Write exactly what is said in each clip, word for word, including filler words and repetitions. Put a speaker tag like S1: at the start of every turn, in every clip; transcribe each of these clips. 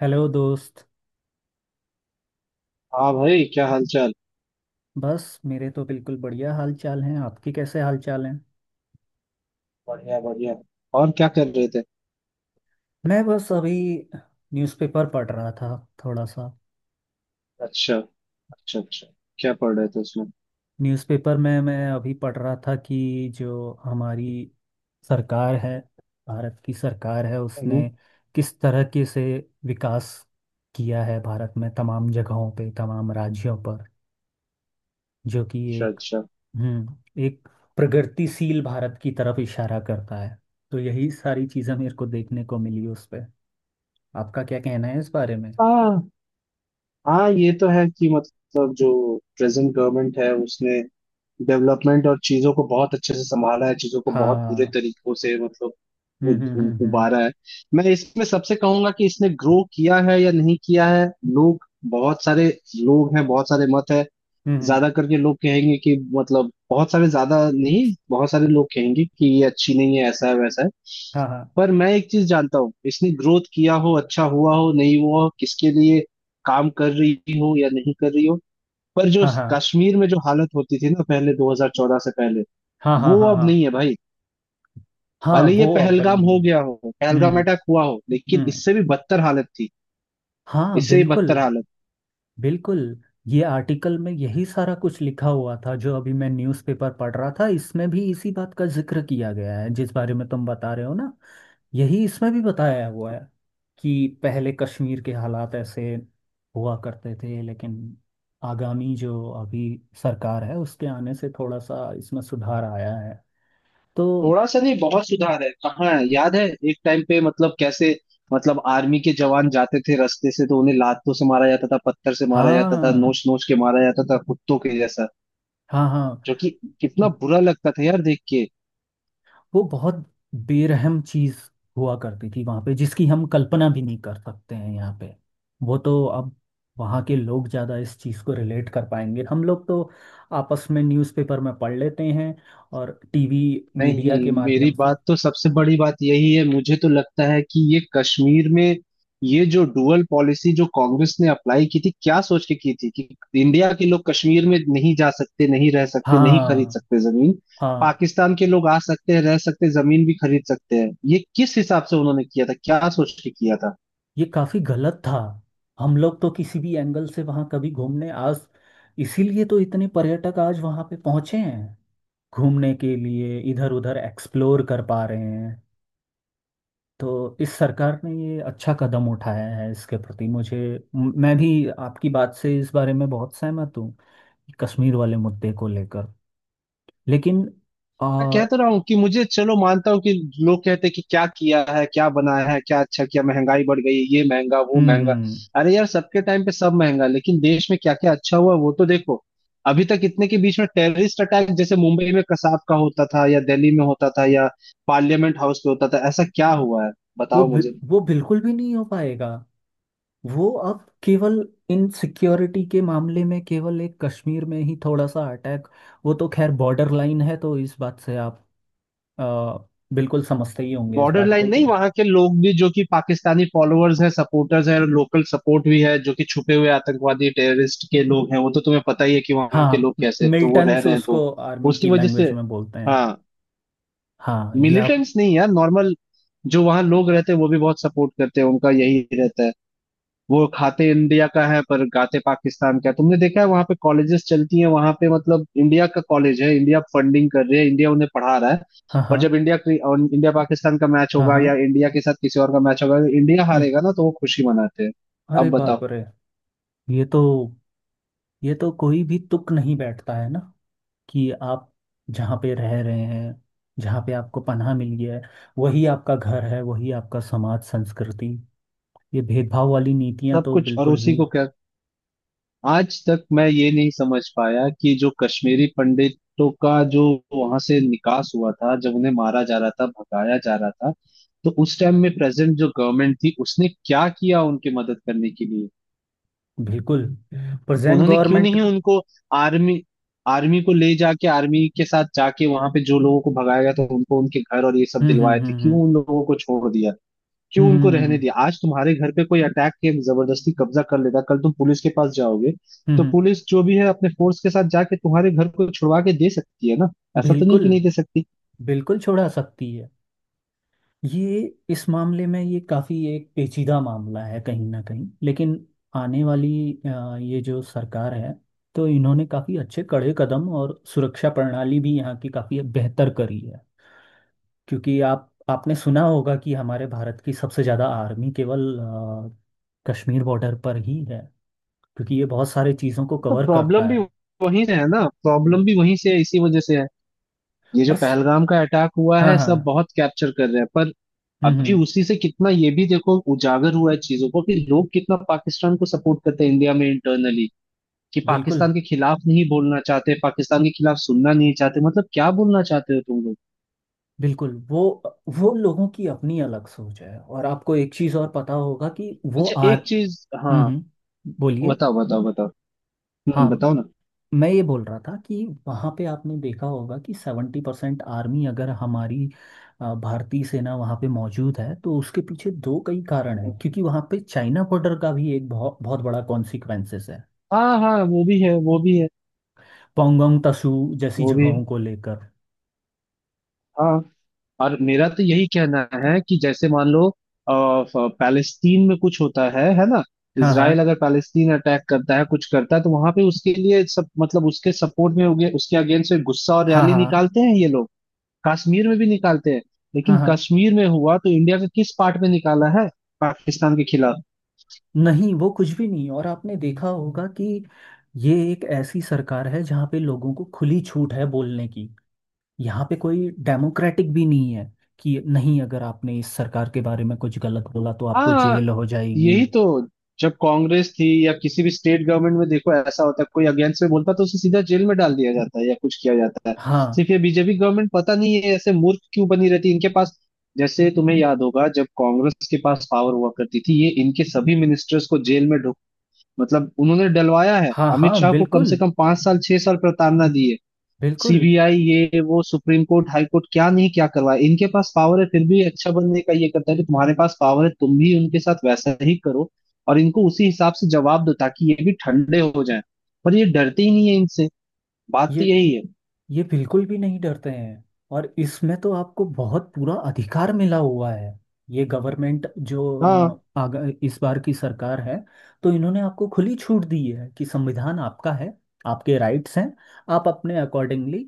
S1: Hello दोस्त।
S2: हाँ भाई, क्या हालचाल।
S1: बस मेरे तो बिल्कुल बढ़िया हाल चाल हैं। आपके कैसे हाल चाल हैं?
S2: बढ़िया बढ़िया। और क्या कर रहे थे।
S1: मैं बस अभी न्यूज़पेपर पढ़ रहा था, थोड़ा सा।
S2: अच्छा अच्छा अच्छा, क्या पढ़ रहे थे उसमें।
S1: न्यूज़पेपर में मैं अभी पढ़ रहा था कि जो हमारी सरकार है, भारत की सरकार है,
S2: हम्म।
S1: उसने किस तरह के से विकास किया है भारत में, तमाम जगहों पे, तमाम राज्यों पर, जो कि
S2: अच्छा
S1: एक
S2: अच्छा।
S1: हम्म एक प्रगतिशील भारत की तरफ इशारा करता है। तो यही सारी चीज़ें मेरे को देखने को मिली उस पे। आपका क्या कहना है इस बारे में?
S2: हाँ हाँ, ये तो है कि मतलब जो प्रेजेंट गवर्नमेंट है उसने डेवलपमेंट और चीजों को बहुत अच्छे से संभाला है, चीजों को बहुत बुरे
S1: हाँ।
S2: तरीकों से मतलब उ,
S1: हम्म, हम्म,
S2: उ,
S1: हम्म, हम्म।
S2: उबारा है। मैं इसमें सबसे कहूंगा कि इसने ग्रो किया है या नहीं किया है। लोग, बहुत सारे लोग हैं, बहुत सारे मत है।
S1: हम्म, हम्म।
S2: ज्यादा करके लोग कहेंगे कि मतलब बहुत सारे, ज्यादा नहीं, बहुत सारे लोग कहेंगे कि ये अच्छी नहीं है, ऐसा है वैसा है।
S1: हाँ, हाँ,
S2: पर मैं एक चीज जानता हूँ, इसने ग्रोथ किया हो अच्छा हुआ हो नहीं हुआ हो, किसके लिए काम कर रही हो या नहीं कर रही हो, पर जो
S1: हाँ, हाँ,
S2: कश्मीर में जो हालत होती थी ना पहले दो हज़ार चौदह से पहले,
S1: हाँ, हाँ,
S2: वो
S1: हाँ,
S2: अब
S1: हाँ।
S2: नहीं है भाई।
S1: हाँ,
S2: भले ये
S1: वो अव्वल
S2: पहलगाम
S1: नहीं
S2: हो
S1: है।
S2: गया हो, पहलगाम
S1: हम्म।
S2: अटैक हुआ हो, लेकिन
S1: हम्म।
S2: इससे भी बदतर हालत थी,
S1: हाँ,
S2: इससे भी
S1: बिल्कुल।
S2: बदतर हालत।
S1: बिल्कुल। ये आर्टिकल में यही सारा कुछ लिखा हुआ था जो अभी मैं न्यूज़पेपर पढ़ रहा था। इसमें भी इसी बात का जिक्र किया गया है जिस बारे में तुम बता रहे हो ना। यही इसमें भी बताया हुआ है कि पहले कश्मीर के हालात ऐसे हुआ करते थे, लेकिन आगामी जो अभी सरकार है उसके आने से थोड़ा सा इसमें सुधार आया है। तो
S2: थोड़ा सा नहीं, बहुत सुधार है। कहाँ है? याद है, एक टाइम पे मतलब कैसे, मतलब आर्मी के जवान जाते थे रास्ते से तो उन्हें लातों से मारा जाता था, पत्थर से मारा जाता था,
S1: हाँ,
S2: नोच नोच के मारा जाता था, कुत्तों के जैसा।
S1: हाँ, हाँ।
S2: जो कि कितना बुरा लगता था यार देख के।
S1: वो बहुत बेरहम चीज हुआ करती थी वहां पे, जिसकी हम कल्पना भी नहीं कर सकते हैं यहाँ पे। वो तो अब वहाँ के लोग ज्यादा इस चीज को रिलेट कर पाएंगे। हम लोग तो आपस में न्यूज़पेपर में पढ़ लेते हैं और टीवी मीडिया
S2: नहीं,
S1: के
S2: मेरी
S1: माध्यम से।
S2: बात तो सबसे बड़ी बात यही है, मुझे तो लगता है कि ये कश्मीर में ये जो डुअल पॉलिसी जो कांग्रेस ने अप्लाई की थी, क्या सोच के की थी कि इंडिया के लोग कश्मीर में नहीं जा सकते, नहीं रह सकते, नहीं खरीद
S1: हाँ,
S2: सकते जमीन,
S1: हाँ।
S2: पाकिस्तान के लोग आ सकते हैं, रह सकते, जमीन भी खरीद सकते हैं। ये किस हिसाब से उन्होंने किया था, क्या सोच के किया था।
S1: ये काफी गलत था। हम लोग तो किसी भी एंगल से वहां कभी घूमने आज। इसीलिए तो इतने पर्यटक आज वहां पे पहुंचे हैं घूमने के लिए, इधर उधर एक्सप्लोर कर पा रहे हैं। तो इस सरकार ने ये अच्छा कदम उठाया है। इसके प्रति मुझे म- मैं भी आपकी बात से इस बारे में बहुत सहमत हूँ, कश्मीर वाले मुद्दे को लेकर। लेकिन आ,
S2: मैं कह
S1: हम्म
S2: तो रहा हूँ कि मुझे चलो मानता हूँ कि लोग कहते हैं कि क्या किया है, क्या बनाया है, क्या अच्छा किया, महंगाई बढ़ गई, ये महंगा वो महंगा।
S1: हम्म,
S2: अरे यार, सबके टाइम पे सब महंगा, लेकिन देश में क्या क्या अच्छा हुआ वो तो देखो। अभी तक इतने के बीच में टेररिस्ट अटैक जैसे मुंबई में कसाब का होता था, या दिल्ली में होता था, या पार्लियामेंट हाउस पे होता था, ऐसा क्या हुआ है,
S1: वो
S2: बताओ
S1: बि-
S2: मुझे।
S1: वो बिल्कुल भी नहीं हो पाएगा। वो अब केवल इन सिक्योरिटी के मामले में केवल एक कश्मीर में ही थोड़ा सा अटैक। वो तो खैर बॉर्डर लाइन है, तो इस बात से आप आ, बिल्कुल समझते ही होंगे इस
S2: बॉर्डर
S1: बात
S2: लाइन
S1: को कि
S2: नहीं, वहां के लोग भी जो कि पाकिस्तानी फॉलोअर्स हैं, सपोर्टर्स हैं, लोकल सपोर्ट भी है, जो कि छुपे हुए आतंकवादी टेररिस्ट के लोग हैं, वो तो तुम्हें पता ही है कि वहां के
S1: हाँ,
S2: लोग कैसे हैं, तो वो रह
S1: मिलिटेंट्स
S2: रहे हैं तो
S1: उसको आर्मी
S2: उसकी
S1: की
S2: वजह
S1: लैंग्वेज
S2: से।
S1: में बोलते हैं।
S2: हाँ,
S1: हाँ, ये आप।
S2: मिलिटेंट्स नहीं यार, नॉर्मल जो वहाँ लोग रहते हैं वो भी बहुत सपोर्ट करते हैं, उनका यही रहता है। वो खाते इंडिया का है पर गाते पाकिस्तान का है। तुमने देखा है वहां पे कॉलेजेस चलती हैं, वहां पे मतलब इंडिया का कॉलेज है, इंडिया फंडिंग कर रही है, इंडिया उन्हें पढ़ा रहा है,
S1: हाँ,
S2: पर
S1: हाँ,
S2: जब इंडिया और इंडिया पाकिस्तान का मैच
S1: हाँ,
S2: होगा
S1: हाँ।
S2: या इंडिया के साथ किसी और का मैच होगा, इंडिया
S1: हम्म,
S2: हारेगा ना तो वो खुशी मनाते हैं। अब
S1: अरे
S2: बताओ।
S1: बाप रे। ये तो ये तो कोई भी तुक नहीं बैठता है ना कि आप जहाँ पे रह रहे हैं, जहाँ पे आपको पनाह मिल गया है, वही आपका घर है, वही आपका समाज संस्कृति। ये भेदभाव वाली नीतियाँ
S2: सब
S1: तो
S2: कुछ, और
S1: बिल्कुल
S2: उसी
S1: भी।
S2: को क्या, आज तक मैं ये नहीं समझ पाया कि जो कश्मीरी पंडितों का जो वहां से निकास हुआ था, जब उन्हें मारा जा रहा था, भगाया जा रहा था, तो उस टाइम में प्रेजेंट जो गवर्नमेंट थी उसने क्या किया उनकी मदद करने के लिए।
S1: बिल्कुल। प्रेजेंट
S2: उन्होंने क्यों
S1: गवर्नमेंट।
S2: नहीं उनको आर्मी आर्मी को ले जाके, आर्मी के साथ जाके, वहां पे जो लोगों को भगाया गया था उनको उनके घर और ये सब
S1: हम्म, हम्म,
S2: दिलवाए थे,
S1: हम्म,
S2: क्यों
S1: हम्म,
S2: उन लोगों को छोड़ दिया, क्यों
S1: हम्म,
S2: उनको रहने
S1: हम्म,
S2: दिया। आज तुम्हारे घर पे कोई अटैक के जबरदस्ती कब्जा कर लेता, कल तुम पुलिस के पास जाओगे
S1: हम्म,
S2: तो
S1: हम्म।
S2: पुलिस जो भी है अपने फोर्स के साथ जाके तुम्हारे घर को छुड़वा के दे सकती है ना, ऐसा तो नहीं
S1: बिल्कुल,
S2: कि नहीं दे सकती।
S1: बिल्कुल छोड़ा सकती है। ये इस मामले में ये काफ़ी एक पेचीदा मामला है कहीं ना कहीं, लेकिन आने वाली अ, ये जो सरकार है, तो इन्होंने काफ़ी अच्छे कड़े कदम और सुरक्षा प्रणाली भी यहाँ की काफ़ी बेहतर करी है। क्योंकि आप आपने सुना होगा कि हमारे भारत की सबसे ज़्यादा आर्मी केवल अ, कश्मीर बॉर्डर पर ही है, क्योंकि ये बहुत सारी चीज़ों को
S2: तो
S1: कवर करता
S2: प्रॉब्लम भी
S1: है।
S2: वहीं से है ना,
S1: हम्म।
S2: प्रॉब्लम भी वहीं से है, इसी वजह से है। ये जो
S1: और स-
S2: पहलगाम का अटैक हुआ
S1: हाँ,
S2: है, सब
S1: हाँ।
S2: बहुत कैप्चर कर रहे हैं, पर
S1: हम्म,
S2: अभी
S1: हम्म।
S2: उसी से कितना ये भी देखो उजागर हुआ है चीजों को कि लोग कितना पाकिस्तान को सपोर्ट करते हैं इंडिया में इंटरनली, कि
S1: बिल्कुल,
S2: पाकिस्तान के खिलाफ नहीं बोलना चाहते, पाकिस्तान के खिलाफ सुनना नहीं चाहते, मतलब क्या बोलना चाहते हो तुम लोग।
S1: बिल्कुल, वो वो लोगों की अपनी अलग सोच है, और आपको एक चीज़ और पता होगा कि वो
S2: अच्छा
S1: आर।
S2: एक चीज,
S1: हम्म,
S2: हाँ,
S1: हम्म, बोलिए।
S2: बताओ बताओ बताओ, हम्म
S1: हाँ,
S2: बताओ ना।
S1: मैं ये बोल रहा था कि वहाँ पे आपने देखा होगा कि सेवेंटी परसेंट आर्मी, अगर हमारी अ, भारतीय सेना वहाँ पे मौजूद है, तो उसके पीछे दो कई कारण है, क्योंकि वहाँ पे चाइना बॉर्डर का भी एक बहुत बहुत बड़ा कॉन्सिक्वेंसेस है,
S2: हाँ हाँ, वो भी है, वो भी है,
S1: पोंगोंग तसू जैसी
S2: वो भी है।
S1: जगहों को लेकर।
S2: हाँ, और मेरा तो यही कहना है कि जैसे मान लो अ, फ- पैलेस्तीन में कुछ होता है है ना,
S1: हाँ,
S2: इसराइल
S1: हाँ,
S2: अगर पैलेस्तीन अटैक करता है, कुछ करता है तो वहां पे उसके लिए सब, मतलब उसके सपोर्ट में हो गया, उसके अगेंस्ट में गुस्सा और
S1: हाँ,
S2: रैली
S1: हाँ,
S2: निकालते हैं ये लोग। कश्मीर में भी निकालते हैं,
S1: हाँ,
S2: लेकिन
S1: हाँ, हाँ।
S2: कश्मीर में हुआ तो इंडिया का किस पार्ट में निकाला है पाकिस्तान के खिलाफ।
S1: नहीं, वो कुछ भी नहीं। और आपने देखा होगा कि ये एक ऐसी सरकार है जहाँ पे लोगों को खुली छूट है बोलने की। यहाँ पे कोई डेमोक्रेटिक भी नहीं है कि नहीं, अगर आपने इस सरकार के बारे में कुछ गलत बोला तो आपको
S2: हाँ,
S1: जेल हो जाएगी।
S2: यही तो। जब कांग्रेस थी या किसी भी स्टेट गवर्नमेंट में देखो, ऐसा होता है, कोई अगेंस्ट में बोलता है तो उसे सीधा जेल में डाल दिया जाता है या कुछ किया जाता है।
S1: हाँ,
S2: सिर्फ ये बीजेपी गवर्नमेंट पता नहीं है ऐसे मूर्ख क्यों बनी रहती है इनके पास। जैसे तुम्हें याद होगा जब कांग्रेस के पास पावर हुआ करती थी, ये इनके सभी मिनिस्टर्स को जेल में ढुक, मतलब उन्होंने डलवाया है,
S1: हाँ,
S2: अमित
S1: हाँ,
S2: शाह को कम
S1: बिल्कुल,
S2: से कम पांच साल छह साल प्रताड़ना दी है।
S1: बिल्कुल।
S2: सीबीआई, ये वो, सुप्रीम कोर्ट, हाई कोर्ट, क्या नहीं क्या करवाए। इनके पास पावर है फिर भी अच्छा बनने का, ये करता है कि तुम्हारे पास पावर है तुम भी उनके साथ वैसा ही करो और इनको उसी हिसाब से जवाब दो ताकि ये भी ठंडे हो जाएं, पर ये डरते ही नहीं है इनसे, बात तो
S1: ये
S2: यही है।
S1: ये बिल्कुल भी नहीं डरते हैं, और इसमें तो आपको बहुत पूरा अधिकार मिला हुआ है। ये गवर्नमेंट जो
S2: हाँ,
S1: अ, आग, इस बार की सरकार है, तो इन्होंने आपको खुली छूट दी है कि संविधान आपका है, आपके राइट्स हैं, आप अपने अकॉर्डिंगली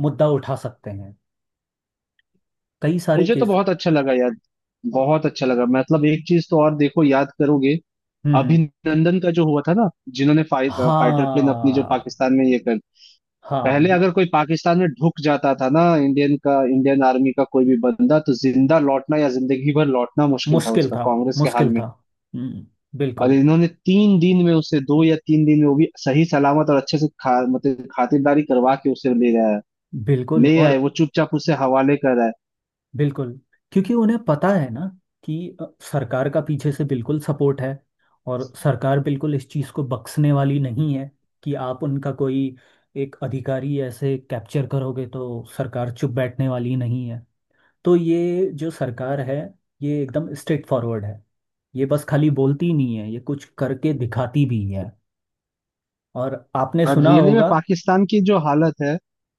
S1: मुद्दा उठा सकते हैं, कई सारे
S2: मुझे तो
S1: केस।
S2: बहुत अच्छा लगा यार, बहुत अच्छा लगा। मतलब एक चीज तो और देखो, याद करोगे,
S1: हम्म, हम्म,
S2: अभिनंदन का जो हुआ था ना, जिन्होंने फाइट, फाइटर प्लेन अपनी जो
S1: हाँ,
S2: पाकिस्तान में ये कर,
S1: हाँ।
S2: पहले
S1: ये
S2: अगर कोई पाकिस्तान में ढुक जाता था ना, इंडियन का, इंडियन आर्मी का कोई भी बंदा, तो जिंदा लौटना या जिंदगी भर लौटना मुश्किल था
S1: मुश्किल
S2: उसका,
S1: था।
S2: कांग्रेस के हाल
S1: मुश्किल
S2: में।
S1: था। हम्म,
S2: और
S1: बिल्कुल,
S2: इन्होंने तीन दिन में उसे, दो या तीन दिन में वो भी सही सलामत और अच्छे से खा, मतलब खातिरदारी करवा के उसे ले आया,
S1: बिल्कुल,
S2: ले आए,
S1: और
S2: वो चुपचाप उसे हवाले कर आए।
S1: बिल्कुल। क्योंकि उन्हें पता है ना कि अ, सरकार का पीछे से बिल्कुल सपोर्ट है, और सरकार बिल्कुल इस चीज़ को बख्शने वाली नहीं है कि आप उनका कोई एक अधिकारी ऐसे कैप्चर करोगे तो सरकार चुप बैठने वाली नहीं है। तो ये जो सरकार है ये एकदम स्ट्रेट फॉरवर्ड है। ये बस खाली बोलती नहीं है, ये कुछ करके दिखाती भी है। और आपने
S2: और
S1: सुना
S2: रियली में
S1: होगा।
S2: पाकिस्तान की जो हालत है,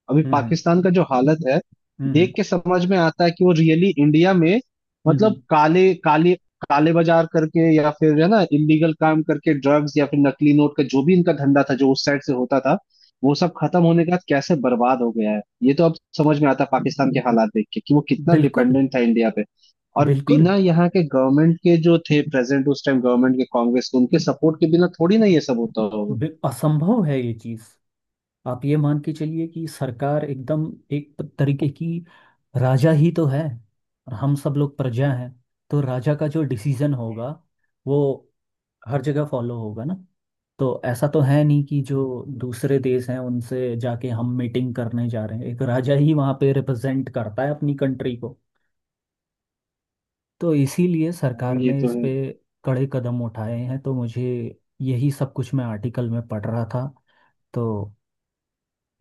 S2: अभी
S1: हम्म,
S2: पाकिस्तान का जो हालत है,
S1: हम्म, हम्म,
S2: देख के समझ में आता है कि वो रियली इंडिया में,
S1: हम्म, हम्म।
S2: मतलब काले काले काले बाजार करके या फिर है ना, इलीगल काम करके, ड्रग्स या फिर नकली नोट का जो भी इनका धंधा था जो उस साइड से होता था, वो सब खत्म होने के बाद कैसे बर्बाद हो गया है, ये तो अब समझ में आता है पाकिस्तान के हालात देख के कि वो कितना
S1: बिल्कुल,
S2: डिपेंडेंट था इंडिया पे। और
S1: बिल्कुल।
S2: बिना यहाँ के गवर्नमेंट के जो थे प्रेसिडेंट उस टाइम गवर्नमेंट के, कांग्रेस के, उनके सपोर्ट के बिना थोड़ी ना ये सब होता होगा।
S1: बि- असंभव है ये चीज़। आप ये मान के चलिए कि सरकार एकदम एक तरीके की राजा ही तो है, और हम सब लोग प्रजा हैं। तो राजा का जो डिसीजन होगा वो हर जगह फॉलो होगा ना। तो ऐसा तो है नहीं कि जो दूसरे देश हैं उनसे जाके हम मीटिंग करने जा रहे हैं। एक राजा ही वहाँ पे रिप्रेजेंट करता है अपनी कंट्री को। तो इसीलिए
S2: हाँ
S1: सरकार
S2: ये
S1: ने
S2: तो
S1: इस
S2: है।
S1: पे कड़े कदम उठाए हैं, तो मुझे यही सब कुछ मैं आर्टिकल में पढ़ रहा था, तो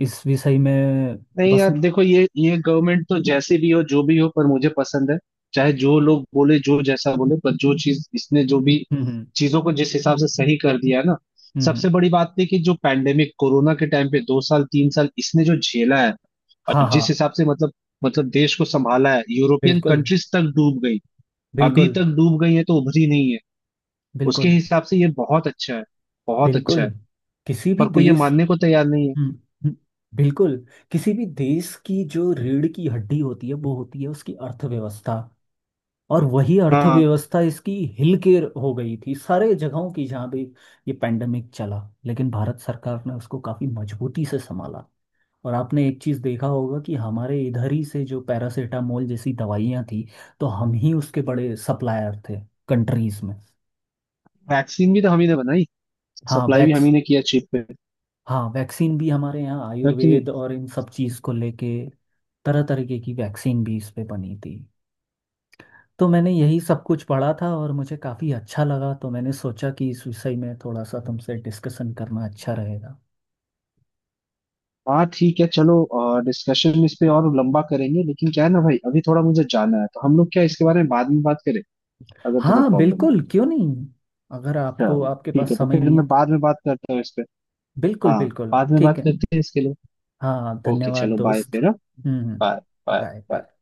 S1: इस विषय में।
S2: नहीं
S1: बस।
S2: यार देखो, ये ये गवर्नमेंट तो जैसे भी हो जो भी हो पर मुझे पसंद है। चाहे जो लोग बोले, जो जैसा बोले, पर जो चीज इसने जो भी चीजों को जिस हिसाब से सही कर दिया है ना,
S1: हम्म, हम्म,
S2: सबसे बड़ी बात थी कि जो पैंडेमिक कोरोना के टाइम पे दो साल तीन साल इसने जो झेला है,
S1: हाँ,
S2: और
S1: हाँ,
S2: जिस हिसाब से मतलब, मतलब देश को संभाला है, यूरोपियन
S1: बिल्कुल,
S2: कंट्रीज तक डूब गई, अभी
S1: बिल्कुल,
S2: तक डूब गई है तो उभरी नहीं है। उसके
S1: बिल्कुल,
S2: हिसाब से ये बहुत अच्छा है, बहुत अच्छा
S1: बिल्कुल,
S2: है,
S1: किसी भी
S2: पर कोई ये
S1: देश।
S2: मानने को तैयार नहीं है।
S1: हम्म, हम्म, बिल्कुल, किसी भी देश की जो रीढ़ की हड्डी होती है वो होती है उसकी अर्थव्यवस्था। और वही
S2: हाँ,
S1: अर्थव्यवस्था इसकी हिल के हो गई थी सारे जगहों की, जहाँ भी ये पैंडेमिक चला। लेकिन भारत सरकार ने उसको काफी मजबूती से संभाला, और आपने एक चीज देखा होगा कि हमारे इधर ही से जो पैरासीटामोल जैसी दवाइयाँ थी, तो हम ही उसके बड़े सप्लायर थे कंट्रीज में।
S2: वैक्सीन भी तो हम ही ने बनाई,
S1: हाँ
S2: सप्लाई भी हम
S1: वैक्स
S2: ही ने किया, चीप।
S1: हाँ, वैक्सीन भी हमारे यहाँ आयुर्वेद
S2: लेकिन
S1: और इन सब चीज़ को लेके तरह तरीके की वैक्सीन भी इस पे बनी थी। तो मैंने यही सब कुछ पढ़ा था और मुझे काफ़ी अच्छा लगा, तो मैंने सोचा कि इस विषय में थोड़ा सा तुमसे डिस्कशन करना अच्छा रहेगा।
S2: हाँ, ठीक है चलो, डिस्कशन इस पे और लंबा करेंगे लेकिन क्या है ना भाई अभी थोड़ा मुझे जाना है, तो हम लोग क्या इसके बारे में बाद में बात करें अगर तुम्हें
S1: हाँ,
S2: प्रॉब्लम ना हो
S1: बिल्कुल,
S2: तो।
S1: क्यों नहीं। अगर आपको
S2: चलो
S1: आपके
S2: ठीक
S1: पास
S2: है, तो
S1: समय
S2: फिर
S1: नहीं है
S2: मैं
S1: तो।
S2: बाद में बात करता हूँ इस पे।
S1: बिल्कुल,
S2: हाँ,
S1: बिल्कुल,
S2: बाद में
S1: ठीक
S2: बात
S1: है।
S2: करते हैं इसके लिए।
S1: हाँ,
S2: ओके,
S1: धन्यवाद
S2: चलो बाय
S1: दोस्त।
S2: फिर।
S1: हम्म, हम्म,
S2: हाँ, बाय
S1: बाय
S2: बाय।
S1: बाय।